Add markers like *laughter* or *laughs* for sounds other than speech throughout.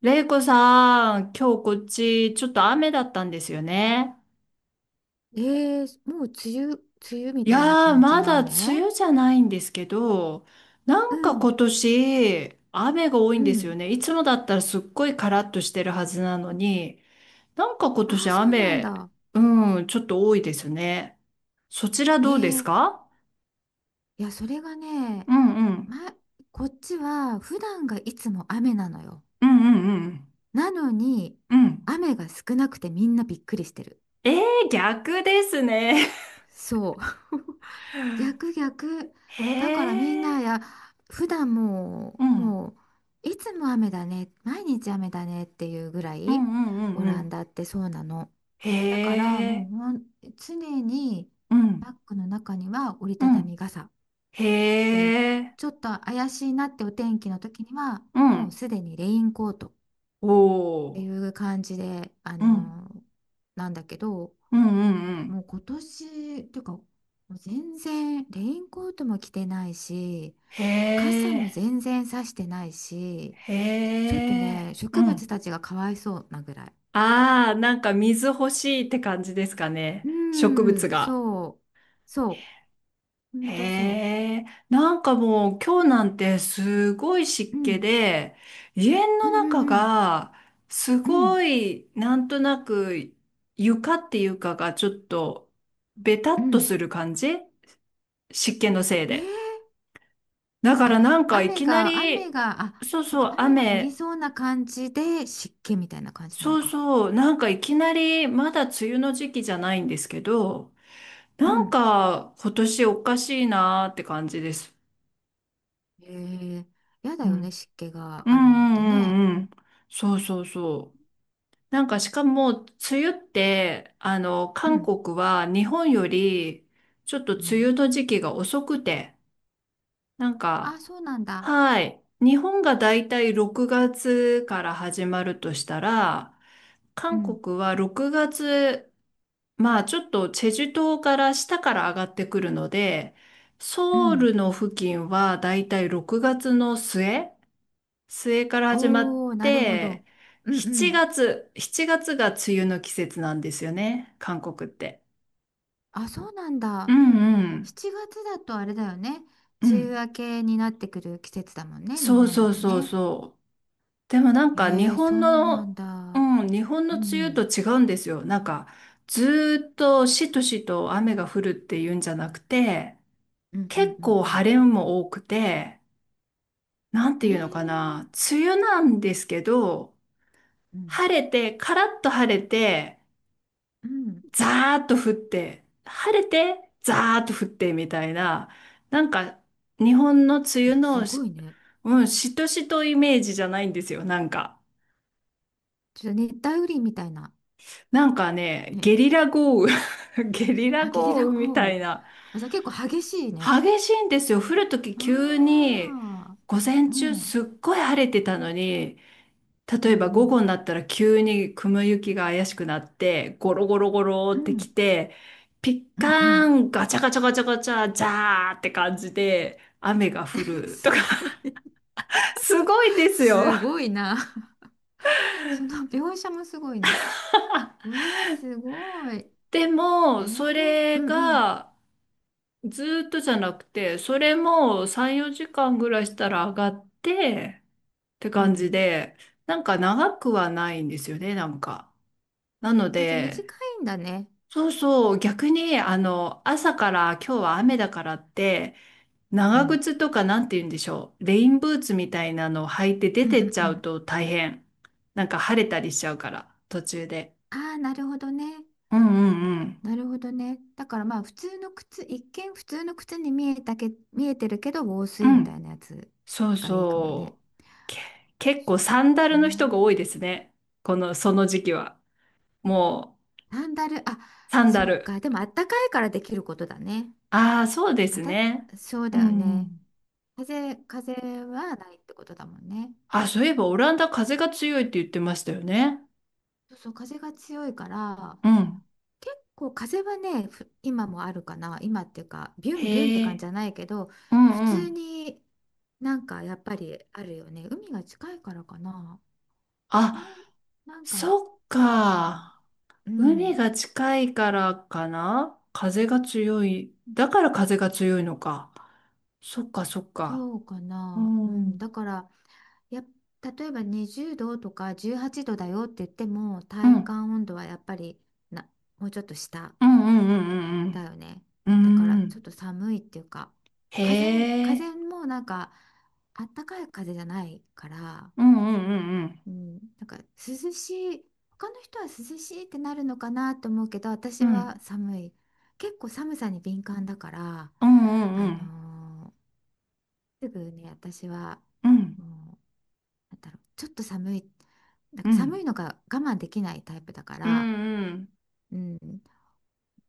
レイコさん、今日こっちちょっと雨だったんですよね。もう梅雨、梅雨みいたいなやー、感じまのだ梅雨。雨じゃないんですけど、うなんかん。今年雨が多いうんですよん。ね。いつもだったらすっごいカラッとしてるはずなのに、なんか今ああ年ー、そうなん雨、だ。うん、ちょっと多いですね。そちらえどうですいか？や、それがね、うんうん。ま、こっちは普段がいつも雨なのよ。うんうんうん。なのにうん。雨が少なくてみんなびっくりしてる。えー、逆ですね。そう。 *laughs* *laughs* 逆逆。へだからみんなえ。いや、普段もううん。もういつも雨だね、毎日雨だねっていうぐらうい。んうんうオんうランん。ダってそうなの。へだからもうえ。ほん、常にうん。バッグの中には折りうたたみん。傘で、へえ。ちょっと怪しいなってお天気の時にはうもうん。すでにレインコートっおていお。う感じで、うん。なんだけど、うんうんうもん。う今年っていうかもう全然レインコートも着てないし、へ傘もえ。全然さしてないし、へちょっとえ。ね、う植物ん。たちがかわいそうなぐらい。ああ、なんか水欲しいって感じですかね。う植物ん、が。そうそう、ほんへとそえ。なんかもう今日なんてすごいう。湿う気んで、家うのんうん中うん。がすうんごいなんとなく床っていうかがちょっとベタうっとんする感じ、湿気のせいえで。ー、だかあ、らなんかい雨きながり、雨があ、そうそっそか、う、雨が降り雨、そうな感じで湿気みたいな感じなのそうか。そう、なんかいきなり、まだ梅雨の時期じゃないんですけど、うなんん。か今年おかしいなーって感じです。えやだうよね、ん。湿気がうんうあるのってね。んうんうん。そうそうそう。なんかしかも、梅雨って、う韓ん。国は日本より、ちょっとう梅ん。雨の時期が遅くて、なんあ、か、そうなんだ。はい。日本がだいたい6月から始まるとしたら、う韓ん。国は6月、まあちょっとチェジュ島から下から上がってくるので、うソウルん。の付近はだいたい6月の末から始まっおー、なるほて、ど。うんう7ん。月、7月がつが梅雨の季節なんですよね、韓国って。あ、そうなんうだ。もうんうん。7月だとあれだよね、う梅雨ん。明けになってくる季節だもんね、日そう本だそうとそうね。そう。でもなんえか日そ本うなんの、だ。うん、日本うの梅雨とん違うんですよ。なんかずーっとしとしと雨が降るっていうんじゃなくて、うん。うん結構うん晴れも多くて、なんていうのかな、梅雨なんですけど、うん。ええ、うん。晴れて、カラッと晴れて、うん。ザーッと降って、晴れて、ザーッと降ってみたいな、なんか日本の梅雨すのごし、いね。うん、しとしとイメージじゃないんですよ、なんか。ちょっと熱帯雨林みたいな。なんかね、ね。ゲリラ豪雨 *laughs* ゲリラあ、ゲリ豪ラ雨み豪た雨。いな。あ、じゃあ結構激しいね。激しいんですよ。降るとき急あに、あ。午前う中ん。すっごい晴れてたのに、う例んえばう午ん。後になったら急に雲行きが怪しくなって、ゴロゴロゴロうってきん。て、ピッうカんうん。ーン、ガチャガチャガチャガチャ、ジャーって感じで雨が降 *laughs* るとか、すごい。*laughs* すごいですよ。すごいな。*laughs* その描写もすごいね。うわあ、すごい。でも、そうれんうん。がずーっとじゃなくて、それも3、4時間ぐらいしたら上がってってう感ん。じで、なんか長くはないんですよね、なんか。なのあ、じゃあ短で、いんだね。そうそう、逆に、朝から今日は雨だからって、う長ん。靴とかなんて言うんでしょう。レインブーツみたいなのを履いて出うんうんてっちうゃうん。と大変。なんか晴れたりしちゃうから、途中で。ああ、なるほどね。うんうんうん。なるほどね。だから、まあ普通の靴、一見普通の靴に見えたけ、見えてるけど防う水みたいん。なやつそうがいいかもね。そう。け、結構サンダへルの人が多いでー。すね。この、その時期は。もサンダル、あ、う、サンそダっル。か。でもあったかいからできることだね。ああ、そうであすた、ね。そううだよんうね。ん。風、風はないってことだもんね。あ、そういえばオランダ風が強いって言ってましたよね。そうそう、風が強いから、うん。結構風はね、ふ今もあるかな。今っていうか、ビュンビュンってへ感じえ。じゃないけど、う普んう通ん。になんかやっぱりあるよね。海が近いからかな。なん、あ、なんか、そっそうかな。か。う海ん、が近いからかな、風が強い。だから風が強いのか。そっかそっか。そうかうな。うん。うん、だん。から、やっ、例えば20度とか18度だよって言っても、う体ん感温度はやっぱり、な、もうちょっと下うんうんだよね。うんうだから、ん。うちょっん。と寒いっていうか、へ風、風え。もなんか、あったかい風じゃないから、うんうんうんうん、なんか涼しい、他の人は涼しいってなるのかなと思うけどう私はん。寒い。結構寒さに敏感だから、うんうんうあんのすぐね、私は、うん。もう、なんだろう、ちょっと寒い、なんうかんう寒んいのが我慢できないタイプだかうら、んうん、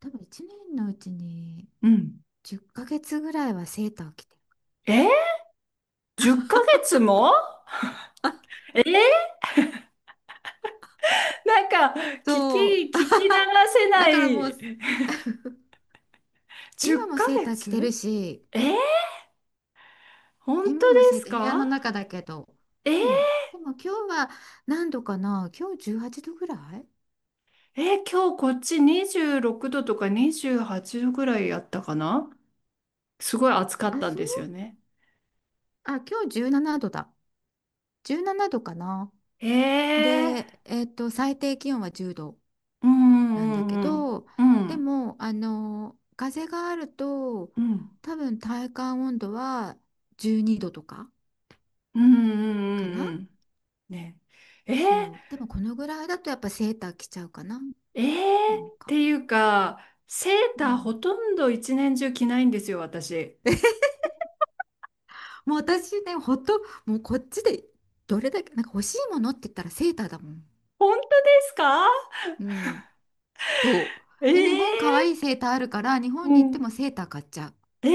多分1年のうちにうん。10ヶ月ぐらいはセーターを着てる。え？ 10 ヶ月も、え、なんか、聞き、そ聞うき流せだなから、もうい。*laughs* 10今もヶセーター着てる月し、え、本当で今も生す徒、部屋のか？中だけど。えー、うん。でも今日は何度かな、今日18度ぐらい。今日こっち26度とか28度ぐらいやったかな、すごい暑かっあ、たんそう、ですよね。あ、今日17度だ。17度かな。ええで、最低気温は10度ー、うなんだけんうんど、うでんも、風があると、うん多分体感温度は12度とかうんうんうんうんうかんうな。んね。えー、そう。でもこのぐらいだとやっぱセーター着ちゃうかな、えー、なんってか。いうか、セーうターん。ほとんど一年中着ないんですよ、私。もう私ね、ほんと、もうこっちでどれだけ、なんか欲しいものって言ったらセーターだもん。本当ですか？うん、そう。で、日本可愛いええセーターあるから、日ー、本うに行ってん。もセーター買っちゃう。えー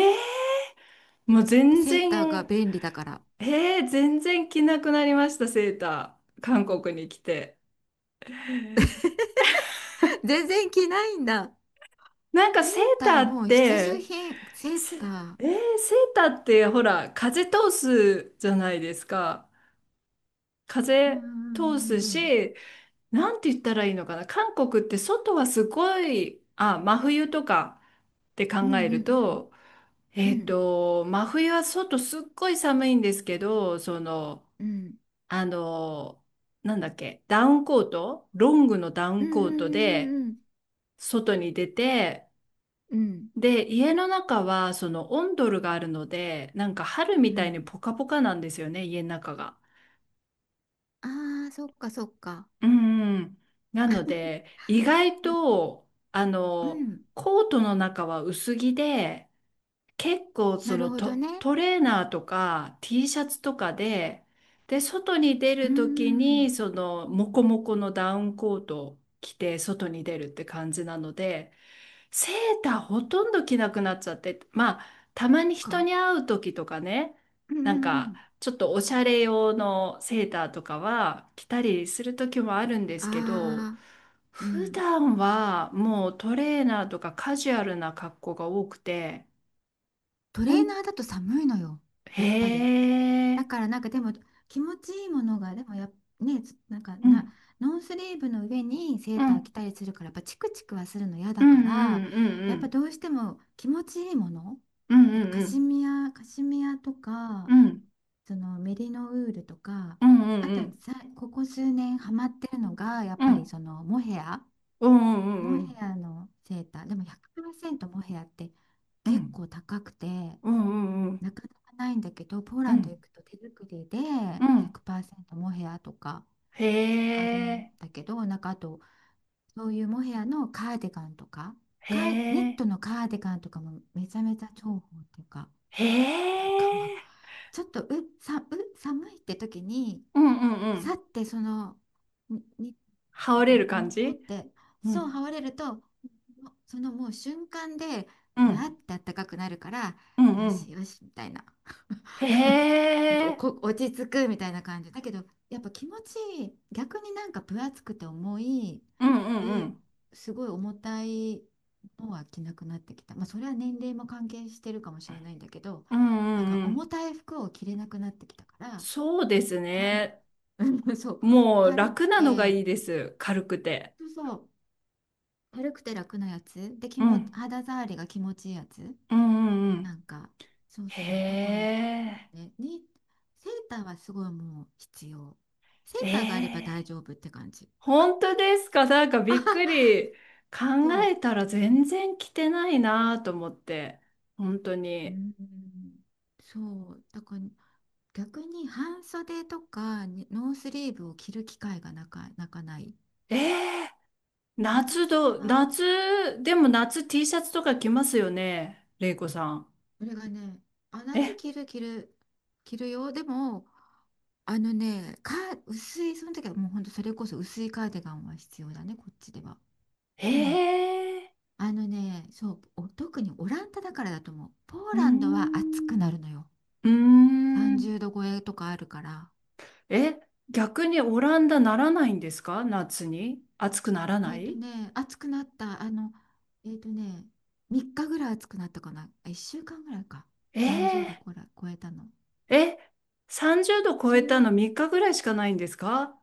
もう全セーター然が便利だから。えー、全然着なくなりました、セーター。韓国に来て。*laughs* 全然着ないんだ。なんかセーターもう必需品、セーせター。えー、セーターってほら、風通すじゃないですか。う風通んすうんし、なんて言ったらいいのかな。韓国って外はすごい、あ、真冬とかってうん考えうるんと、うん真冬は外すっごい寒いんですけど、その、うんうんあの、なんだっけ、ダウンコート、ロングのダウうンコートで、んうん外に出て、うんうんうんで、家の中はそのオンドルがあるので、なんか春うみたいにん。ポカポカなんですよね、家の中が。ああー、そっかそっか。うんうん。なので、意外と、うん、コートの中は薄着で、結構なそるのほどね。トレーナーとか T シャツとかで、で、外に出うるときん、に、その、モコモコのダウンコートを着て、外に出るって感じなので、か。うんうんうん。ああ、うん。トレーナーだと寒いのよ、やっぱり。だからなんか、でも気持ちいいものが、でもやっ、ね、つなんかな、ノースリーブの上にセーター着たりするから、やっぱチクチクはするの嫌だから、やっぱどうしても気持ちいいもの、だからカシミヤ、カシミヤとか、そのメリノウールとか、あとはさ、ここ数年ハマってるのが、やっぱりそのモヘア。モヘアのセーター、でも100%モヘアって結構高くて、なかなかないんだけど、ポーランド行くと手作りで100%モヘアとかへあるんえ、だけど、なんか、あと、そういうモヘアのカーディガンとか、へカーニッえ、トのカーディガンとかもめちゃめちゃ重宝っていうか、へなえ。んか *laughs* ちょっとう、さ、う、寒いって時に、うんうんうさっん。てその、に、に、羽なん織かれモるコ感モコっじ。て、うそう、ん、羽織れると、もそのもう瞬間でうふわっん、てあったかくなるから、うん、ようしん。よしみたいな。 へ *laughs* なんかおえ、こ落ち着くみたいな感じだけど、やっぱ気持ちいい。逆に、なんか分厚くて重い、うんうんうう、ん。すごい重たいのは着なくなってきた。まあそれは年齢も関係してるかもしれないんだけど、うんなんうかんう重ん。たい服を着れなくなってきたから、そうです軽 ね。*laughs* そう、もう軽く楽なのがて、いいです。軽くて。そうそう、軽くて楽なやつで、気うもん、肌触りが気持ちいいやつ、うんうんうなん。んか、そうへそう、だからえ、ね、に、セーターはすごいもう必要。セえーターがあれば大え。丈夫って感じ。本当ですか？なんかびっくり。考そえたら全然着てないなと思って。本当う、うーに。ん、そうだから、逆に半袖とかにノースリーブを着る機会がなかなかない。ええ、長夏袖ど、は、夏、でも夏 T シャツとか着ますよね、れいこさん？これがね、あ、夏え、着る、着る、着るよ、でも、あのね、か、薄い、その時はもうほんとそれこそ薄いカーディガンは必要だね、こっちでは。へでも、え、あのね、そう、お特にオランダだからだと思う。ポーうーランドは暑くん、なるのよ。うー30ん。度超えとかあるから。え、逆にオランダならないんですか、夏に？暑くならえなっとい？ね、暑くなった、えっとね、3日ぐらい暑くなったかな。あ、1週間ぐらいか。30度えこら超えたの。ー、え、30度超そえたのの3日ぐらいしかないんですか？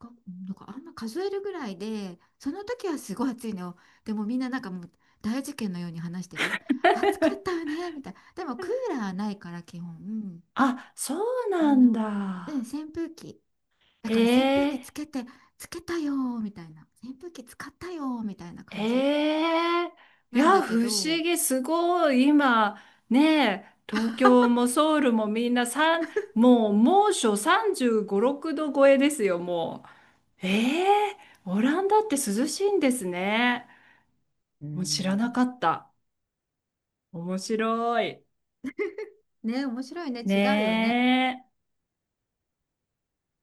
が、なんかあんま数えるぐらいで、その時はすごい暑いのよ。でもみんななんかもう大事件のように話してる。暑かったよねみたいな。でもクーラーないから基本、うん、あ、そうあなんのうん、だ。扇風機、だへから扇風機え、つけて、つけたよーみたいな、扇風機使ったよーみたいな感じええ。いなんだや、不け思ど、議、すごい、今、ねえ、東京もソウルもみんなもう猛暑35、6度超えですよ、もう。ええ、オランダって涼しいんですね。うもう知らなん。かった。面白い。ね、面白いね、ね違うよね。え。